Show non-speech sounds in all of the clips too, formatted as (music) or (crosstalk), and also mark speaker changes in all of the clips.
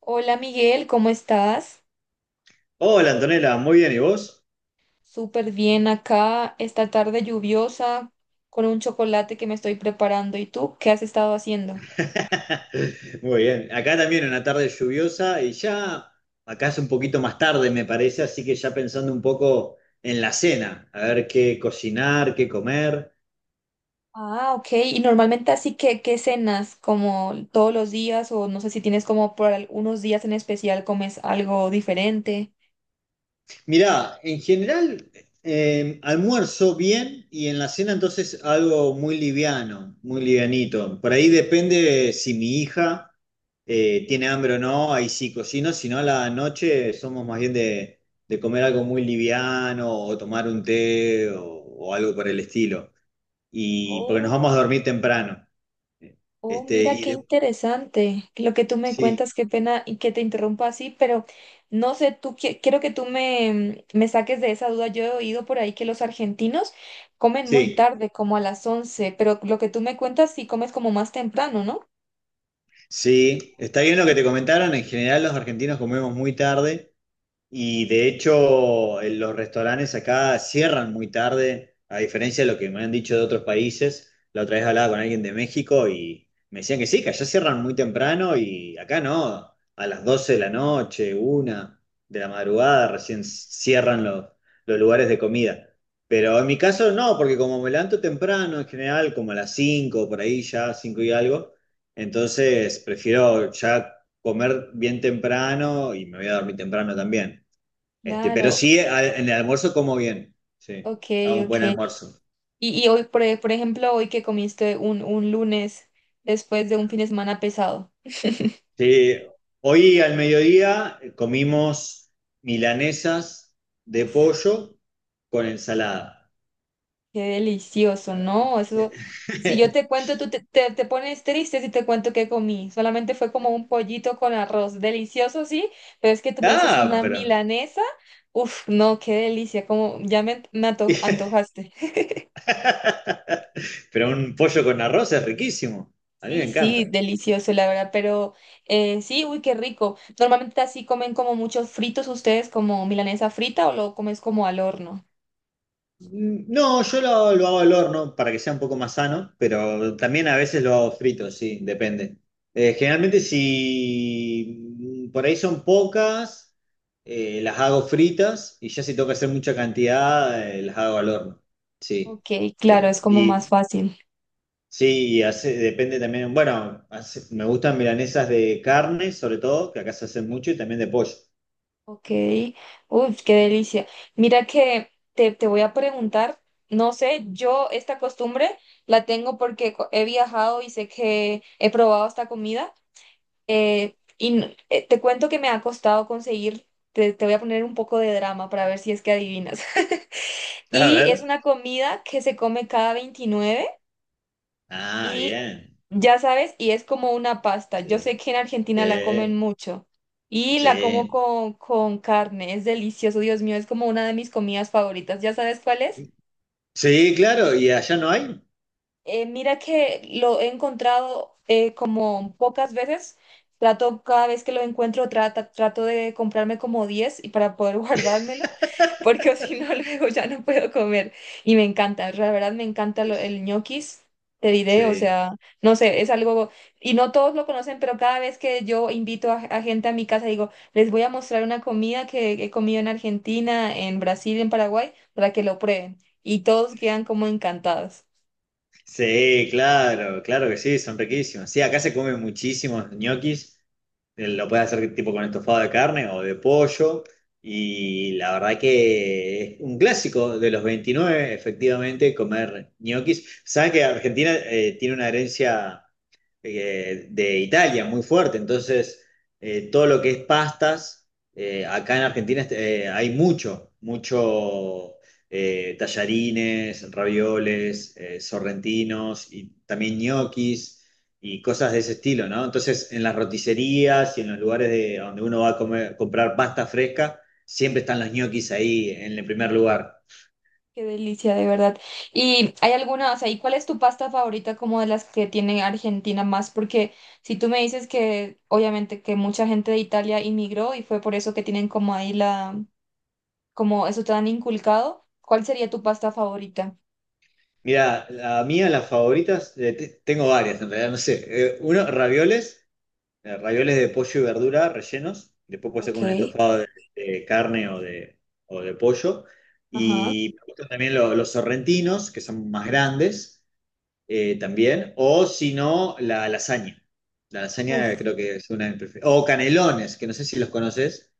Speaker 1: Hola Miguel, ¿cómo estás?
Speaker 2: Hola Antonella, muy bien, ¿y vos?
Speaker 1: Súper bien acá, esta tarde lluviosa, con un chocolate que me estoy preparando. ¿Y tú qué has estado haciendo?
Speaker 2: (laughs) Muy bien, acá también una tarde lluviosa y ya acá es un poquito más tarde me parece, así que ya pensando un poco en la cena, a ver qué cocinar, qué comer.
Speaker 1: Ah, ok. ¿Y normalmente así que qué cenas? ¿Como todos los días? O no sé si tienes como por algunos días en especial comes algo diferente.
Speaker 2: Mirá, en general almuerzo bien y en la cena entonces algo muy liviano, muy livianito. Por ahí depende si mi hija tiene hambre o no, ahí sí cocino, si no a la noche somos más bien de comer algo muy liviano o tomar un té o algo por el estilo. Y porque nos vamos
Speaker 1: Oh.
Speaker 2: a dormir temprano.
Speaker 1: Oh,
Speaker 2: Este,
Speaker 1: mira
Speaker 2: y
Speaker 1: qué
Speaker 2: de-
Speaker 1: interesante lo que tú me
Speaker 2: sí,
Speaker 1: cuentas, qué pena y que te interrumpa así, pero no sé, tú quiero que tú me saques de esa duda. Yo he oído por ahí que los argentinos comen muy
Speaker 2: sí,
Speaker 1: tarde, como a las once, pero lo que tú me cuentas, sí comes como más temprano, ¿no?
Speaker 2: sí. Está bien lo que te comentaron, en general los argentinos comemos muy tarde. Y de hecho, en los restaurantes acá cierran muy tarde, a diferencia de lo que me han dicho de otros países. La otra vez hablaba con alguien de México y me decían que sí, que allá cierran muy temprano y acá no, a las 12 de la noche, 1 de la madrugada recién cierran los lugares de comida. Pero en mi caso no, porque como me levanto temprano en general, como a las 5 por ahí ya, 5 y algo, entonces prefiero ya comer bien temprano y me voy a dormir temprano también. Pero
Speaker 1: Claro,
Speaker 2: sí, en el almuerzo como bien. Sí,
Speaker 1: ok,
Speaker 2: hago un
Speaker 1: ok.
Speaker 2: buen almuerzo.
Speaker 1: Y hoy, por ejemplo, hoy que comiste un lunes después de un fin de semana pesado.
Speaker 2: Sí, hoy al mediodía comimos milanesas de
Speaker 1: Uf.
Speaker 2: pollo con ensalada.
Speaker 1: Qué delicioso, ¿no? Eso, si yo te
Speaker 2: (laughs)
Speaker 1: cuento, tú te pones triste si te cuento qué comí. Solamente fue como un pollito con arroz, delicioso, sí, pero es que tú me dices
Speaker 2: Ah,
Speaker 1: una
Speaker 2: pero.
Speaker 1: milanesa. Uf, no, qué delicia, como ya me
Speaker 2: (laughs)
Speaker 1: antojaste.
Speaker 2: Pero un pollo con arroz es riquísimo. A mí me
Speaker 1: Sí, sí,
Speaker 2: encanta.
Speaker 1: delicioso, la verdad, pero sí, uy, qué rico. Normalmente así comen como muchos fritos ustedes, como milanesa frita o lo comes como al horno.
Speaker 2: No, yo lo hago al horno para que sea un poco más sano, pero también a veces lo hago frito, sí, depende. Generalmente si por ahí son pocas, las hago fritas y ya si tengo que hacer mucha cantidad, las hago al horno, sí.
Speaker 1: Ok, claro, es como más
Speaker 2: Y
Speaker 1: fácil.
Speaker 2: sí, depende también, bueno, me gustan milanesas de carne, sobre todo, que acá se hacen mucho, y también de pollo.
Speaker 1: Ok, uy, qué delicia. Mira que te voy a preguntar, no sé, yo esta costumbre la tengo porque he viajado y sé que he probado esta comida y te cuento que me ha costado conseguir, te voy a poner un poco de drama para ver si es que adivinas. (laughs)
Speaker 2: (laughs) A
Speaker 1: Y es
Speaker 2: ver.
Speaker 1: una comida que se come cada 29.
Speaker 2: Ah,
Speaker 1: Y
Speaker 2: bien.
Speaker 1: ya sabes, y es como una pasta. Yo
Speaker 2: Sí.
Speaker 1: sé que en Argentina la comen
Speaker 2: Sí.
Speaker 1: mucho y la como
Speaker 2: Sí.
Speaker 1: con, carne. Es delicioso, Dios mío, es como una de mis comidas favoritas. ¿Ya sabes cuál es?
Speaker 2: Sí, claro, ¿y allá no hay?
Speaker 1: Mira que lo he encontrado como pocas veces. Trato, cada vez que lo encuentro, trato de comprarme como 10 y para poder (laughs) guardármelo porque (laughs) o si no (laughs) luego ya no puedo comer. Y me encanta, la verdad me encanta el ñoquis, te diré, o
Speaker 2: Sí,
Speaker 1: sea, no sé, es algo, y no todos lo conocen, pero cada vez que yo invito a gente a mi casa, digo, les voy a mostrar una comida que he comido en Argentina, en Brasil, en Paraguay, para que lo prueben. Y todos quedan como encantados.
Speaker 2: sí, claro, claro que sí, son riquísimos. Sí, acá se comen muchísimos ñoquis, lo puedes hacer tipo con estofado de carne o de pollo, y la verdad que es un clásico de los 29. Efectivamente, comer ñoquis. Saben que Argentina tiene una herencia de Italia, muy fuerte. Entonces, todo lo que es pastas, acá en Argentina hay mucho, mucho tallarines, ravioles, sorrentinos y también ñoquis y cosas de ese estilo, ¿no? Entonces, en las roticerías y en los lugares de, donde uno va a comprar pasta fresca, siempre están los ñoquis ahí en el primer lugar.
Speaker 1: Qué delicia, de verdad. ¿Y hay alguna, o sea, y cuál es tu pasta favorita, como de las que tiene Argentina más? Porque si tú me dices que obviamente que mucha gente de Italia inmigró y fue por eso que tienen como ahí la, como eso te han inculcado, ¿cuál sería tu pasta favorita?
Speaker 2: Mira, la mía, las favoritas, tengo varias en realidad, no sé. Uno, ravioles. Ravioles de pollo y verdura rellenos. Después puede ser
Speaker 1: Ok,
Speaker 2: con un estofado de carne o de pollo.
Speaker 1: ajá.
Speaker 2: Y me gustan también los sorrentinos, que son más grandes también. O si no, la lasaña. La lasaña
Speaker 1: Uf,
Speaker 2: creo que es una de mis preferidas. O canelones, que no sé si los conoces.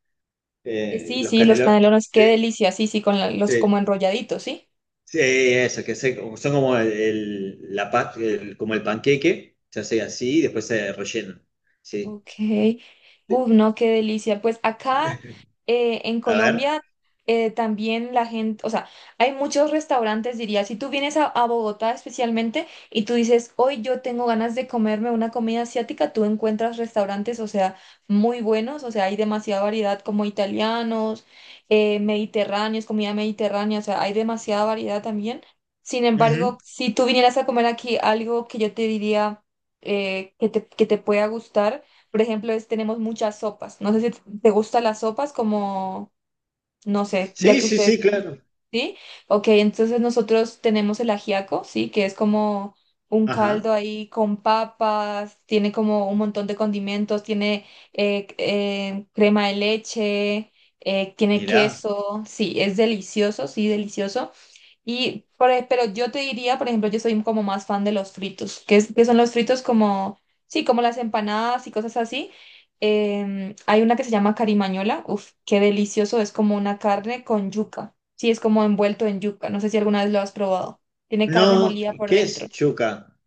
Speaker 1: sí,
Speaker 2: Los
Speaker 1: sí, los
Speaker 2: canelones.
Speaker 1: canelones, qué
Speaker 2: Sí,
Speaker 1: delicia, sí, sí, con los como
Speaker 2: sí,
Speaker 1: enrolladitos, ¿sí?
Speaker 2: sí, eso, que son como como el panqueque. Se hace así y después se rellena. Sí.
Speaker 1: Ok. Uf, no, qué delicia. Pues acá en
Speaker 2: A ver.
Speaker 1: Colombia también la gente, o sea, hay muchos restaurantes, diría. Si tú vienes a Bogotá especialmente, y tú dices, hoy yo tengo ganas de comerme una comida asiática, tú encuentras restaurantes, o sea, muy buenos, o sea, hay demasiada variedad, como italianos, mediterráneos, comida mediterránea, o sea, hay demasiada variedad también. Sin embargo,
Speaker 2: Ujú.
Speaker 1: si tú vinieras a comer aquí algo que yo te diría que que te pueda gustar, por ejemplo, es, tenemos muchas sopas. No sé si te gustan las sopas como, no sé, ya
Speaker 2: Sí,
Speaker 1: que
Speaker 2: sí,
Speaker 1: ustedes,
Speaker 2: sí, claro.
Speaker 1: ¿sí? Ok, entonces nosotros tenemos el ajiaco, ¿sí? Que es como un
Speaker 2: Ajá,
Speaker 1: caldo ahí con papas, tiene como un montón de condimentos, tiene crema de leche, tiene
Speaker 2: mirá.
Speaker 1: queso, sí, es delicioso, sí, delicioso. Pero yo te diría, por ejemplo, yo soy como más fan de los fritos, que son los fritos como, sí, como las empanadas y cosas así. Hay una que se llama carimañola, uf, qué delicioso, es como una carne con yuca, sí, es como envuelto en yuca, no sé si alguna vez lo has probado, tiene carne
Speaker 2: No,
Speaker 1: molida por
Speaker 2: ¿qué
Speaker 1: dentro.
Speaker 2: es chuca?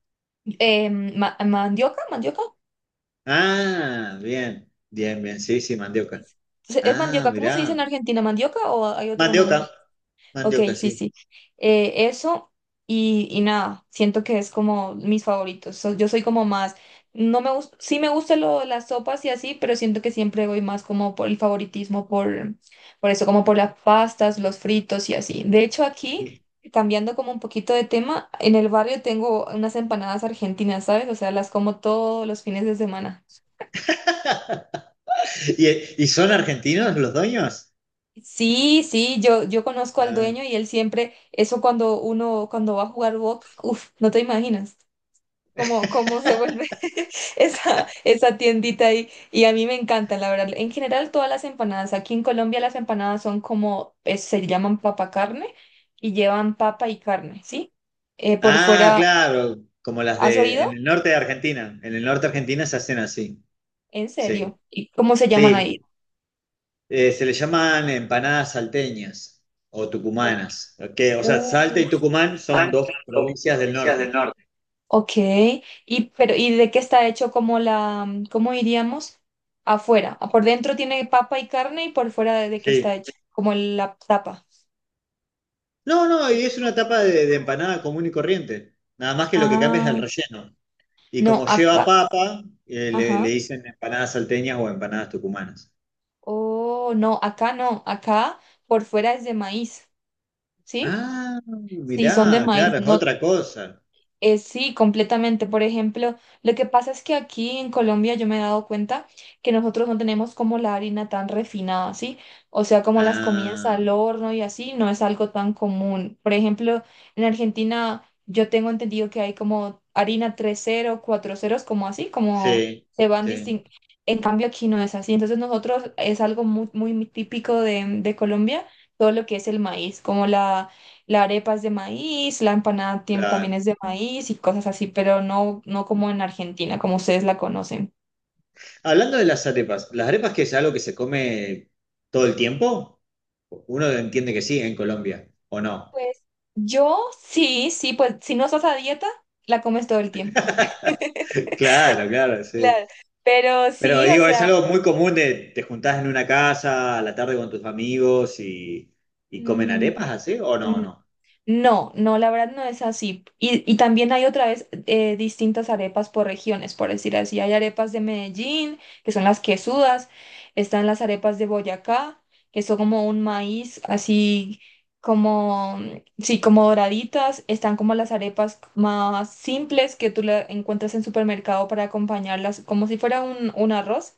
Speaker 1: ¿Mandioca? ¿Mandioca?
Speaker 2: Ah, bien, bien, bien, sí, sí, mandioca.
Speaker 1: ¿Es
Speaker 2: Ah,
Speaker 1: mandioca? ¿Cómo se dice en
Speaker 2: mirá.
Speaker 1: Argentina? ¿Mandioca o hay otro nombre?
Speaker 2: Mandioca,
Speaker 1: Ok,
Speaker 2: mandioca,
Speaker 1: sí,
Speaker 2: sí.
Speaker 1: sí. Eso y nada, siento que es como mis favoritos. Yo soy como más, no me gusta, sí me gustan las sopas y así, pero siento que siempre voy más como por el favoritismo, por, eso, como por las pastas, los fritos y así. De hecho,
Speaker 2: (laughs)
Speaker 1: aquí,
Speaker 2: ¿Y,
Speaker 1: cambiando como un poquito de tema, en el barrio tengo unas empanadas argentinas, ¿sabes? O sea, las como todos los fines de semana.
Speaker 2: y son argentinos los dueños?
Speaker 1: Sí, sí, yo conozco al
Speaker 2: Ah,
Speaker 1: dueño y él siempre, eso cuando uno, cuando va a jugar Boca, uff, no te imaginas cómo se vuelve (laughs) esa tiendita ahí. Y a mí me encanta, la verdad. En general, todas las empanadas. Aquí en Colombia las empanadas son como, se llaman papa carne y llevan papa y carne, ¿sí? Por
Speaker 2: ah,
Speaker 1: fuera,
Speaker 2: claro, como las
Speaker 1: ¿has
Speaker 2: de
Speaker 1: oído?
Speaker 2: en el norte de Argentina. En el norte de Argentina se hacen así,
Speaker 1: ¿En
Speaker 2: sí.
Speaker 1: serio? ¿Y cómo se llaman ahí?
Speaker 2: Sí, se le llaman empanadas salteñas o
Speaker 1: O-
Speaker 2: tucumanas. Que, o sea, Salta y
Speaker 1: Uf,
Speaker 2: Tucumán son dos provincias del norte.
Speaker 1: ok. Y, pero, ¿y de qué está hecho como la, cómo diríamos? Afuera. Ah, por dentro tiene papa y carne y por fuera de, qué está
Speaker 2: Sí.
Speaker 1: hecho, como la tapa.
Speaker 2: No, no, y es una tapa de empanada común y corriente. Nada más que lo que cambia es el
Speaker 1: Ah,
Speaker 2: relleno. Y
Speaker 1: no,
Speaker 2: como lleva
Speaker 1: acá.
Speaker 2: papa, le
Speaker 1: Ajá.
Speaker 2: dicen empanadas salteñas o empanadas tucumanas.
Speaker 1: Oh, no, acá no, acá por fuera es de maíz, ¿sí?
Speaker 2: Ah,
Speaker 1: Sí, son de
Speaker 2: mirá,
Speaker 1: maíz,
Speaker 2: claro, es
Speaker 1: no.
Speaker 2: otra cosa.
Speaker 1: Sí, completamente. Por ejemplo, lo que pasa es que aquí en Colombia yo me he dado cuenta que nosotros no tenemos como la harina tan refinada, ¿sí? O sea, como las comidas
Speaker 2: Ah,
Speaker 1: al horno y así, no es algo tan común. Por ejemplo, en Argentina yo tengo entendido que hay como harina tres 0 cuatro 0, como así, como
Speaker 2: sí,
Speaker 1: se van
Speaker 2: sí,
Speaker 1: distinguiendo. En cambio, aquí no es así. Entonces, nosotros es algo muy, muy típico de Colombia, todo lo que es el maíz, como la arepa es de maíz, la empanada también
Speaker 2: claro.
Speaker 1: es de maíz y cosas así, pero no, no como en Argentina, como ustedes la conocen.
Speaker 2: Hablando de ¿las arepas que es algo que se come todo el tiempo? Uno entiende que sí en Colombia, ¿o no?
Speaker 1: Pues yo sí, sí, pues si no estás a dieta, la comes todo el tiempo. (laughs)
Speaker 2: (laughs) Claro, claro, sí.
Speaker 1: Claro. Pero
Speaker 2: Pero
Speaker 1: sí, o
Speaker 2: digo, es
Speaker 1: sea,
Speaker 2: algo muy común de te juntás en una casa a la tarde con tus amigos y comen
Speaker 1: mm,
Speaker 2: arepas así, ¿o no?
Speaker 1: mm,
Speaker 2: No.
Speaker 1: no, no, la verdad no es así. Y también hay otra vez distintas arepas por regiones, por decir así. Hay arepas de Medellín, que son las quesudas, están las arepas de Boyacá, que son como un maíz así como, sí, como doraditas. Están como las arepas más simples que tú la encuentras en supermercado para acompañarlas, como si fuera un arroz,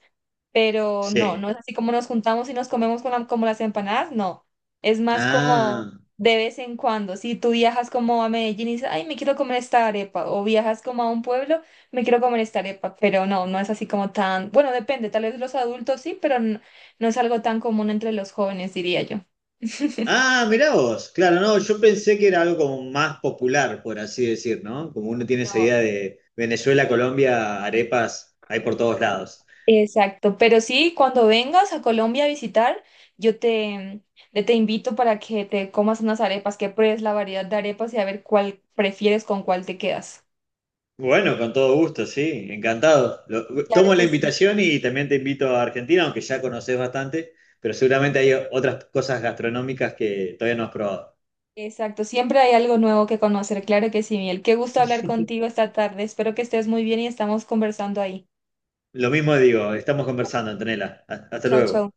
Speaker 1: pero no,
Speaker 2: Sí.
Speaker 1: no es así como nos juntamos y nos comemos con como las empanadas, no. Es más como
Speaker 2: Ah.
Speaker 1: de vez en cuando. Si tú viajas como a Medellín y dices, ay, me quiero comer esta arepa, o viajas como a un pueblo, me quiero comer esta arepa, pero no, no es así como tan, bueno, depende, tal vez los adultos sí, pero no, es algo tan común entre los jóvenes, diría yo.
Speaker 2: Ah, mirá vos. Claro, no, yo pensé que era algo como más popular, por así decir, ¿no? Como uno tiene esa
Speaker 1: No.
Speaker 2: idea de Venezuela, Colombia, arepas hay por todos lados.
Speaker 1: Exacto, pero sí, cuando vengas a Colombia a visitar, yo te, te invito para que te comas unas arepas, que pruebes la variedad de arepas y a ver cuál prefieres, con cuál te quedas.
Speaker 2: Bueno, con todo gusto, sí, encantado.
Speaker 1: Claro
Speaker 2: Tomo la
Speaker 1: que sí,
Speaker 2: invitación y también te invito a Argentina, aunque ya conoces bastante, pero seguramente hay otras cosas gastronómicas que todavía no has probado.
Speaker 1: exacto, siempre hay algo nuevo que conocer, claro que sí, Miguel. Qué gusto hablar contigo esta tarde, espero que estés muy bien y estamos conversando ahí.
Speaker 2: Lo mismo digo, estamos conversando, Antonella. Hasta
Speaker 1: Chao, chao.
Speaker 2: luego.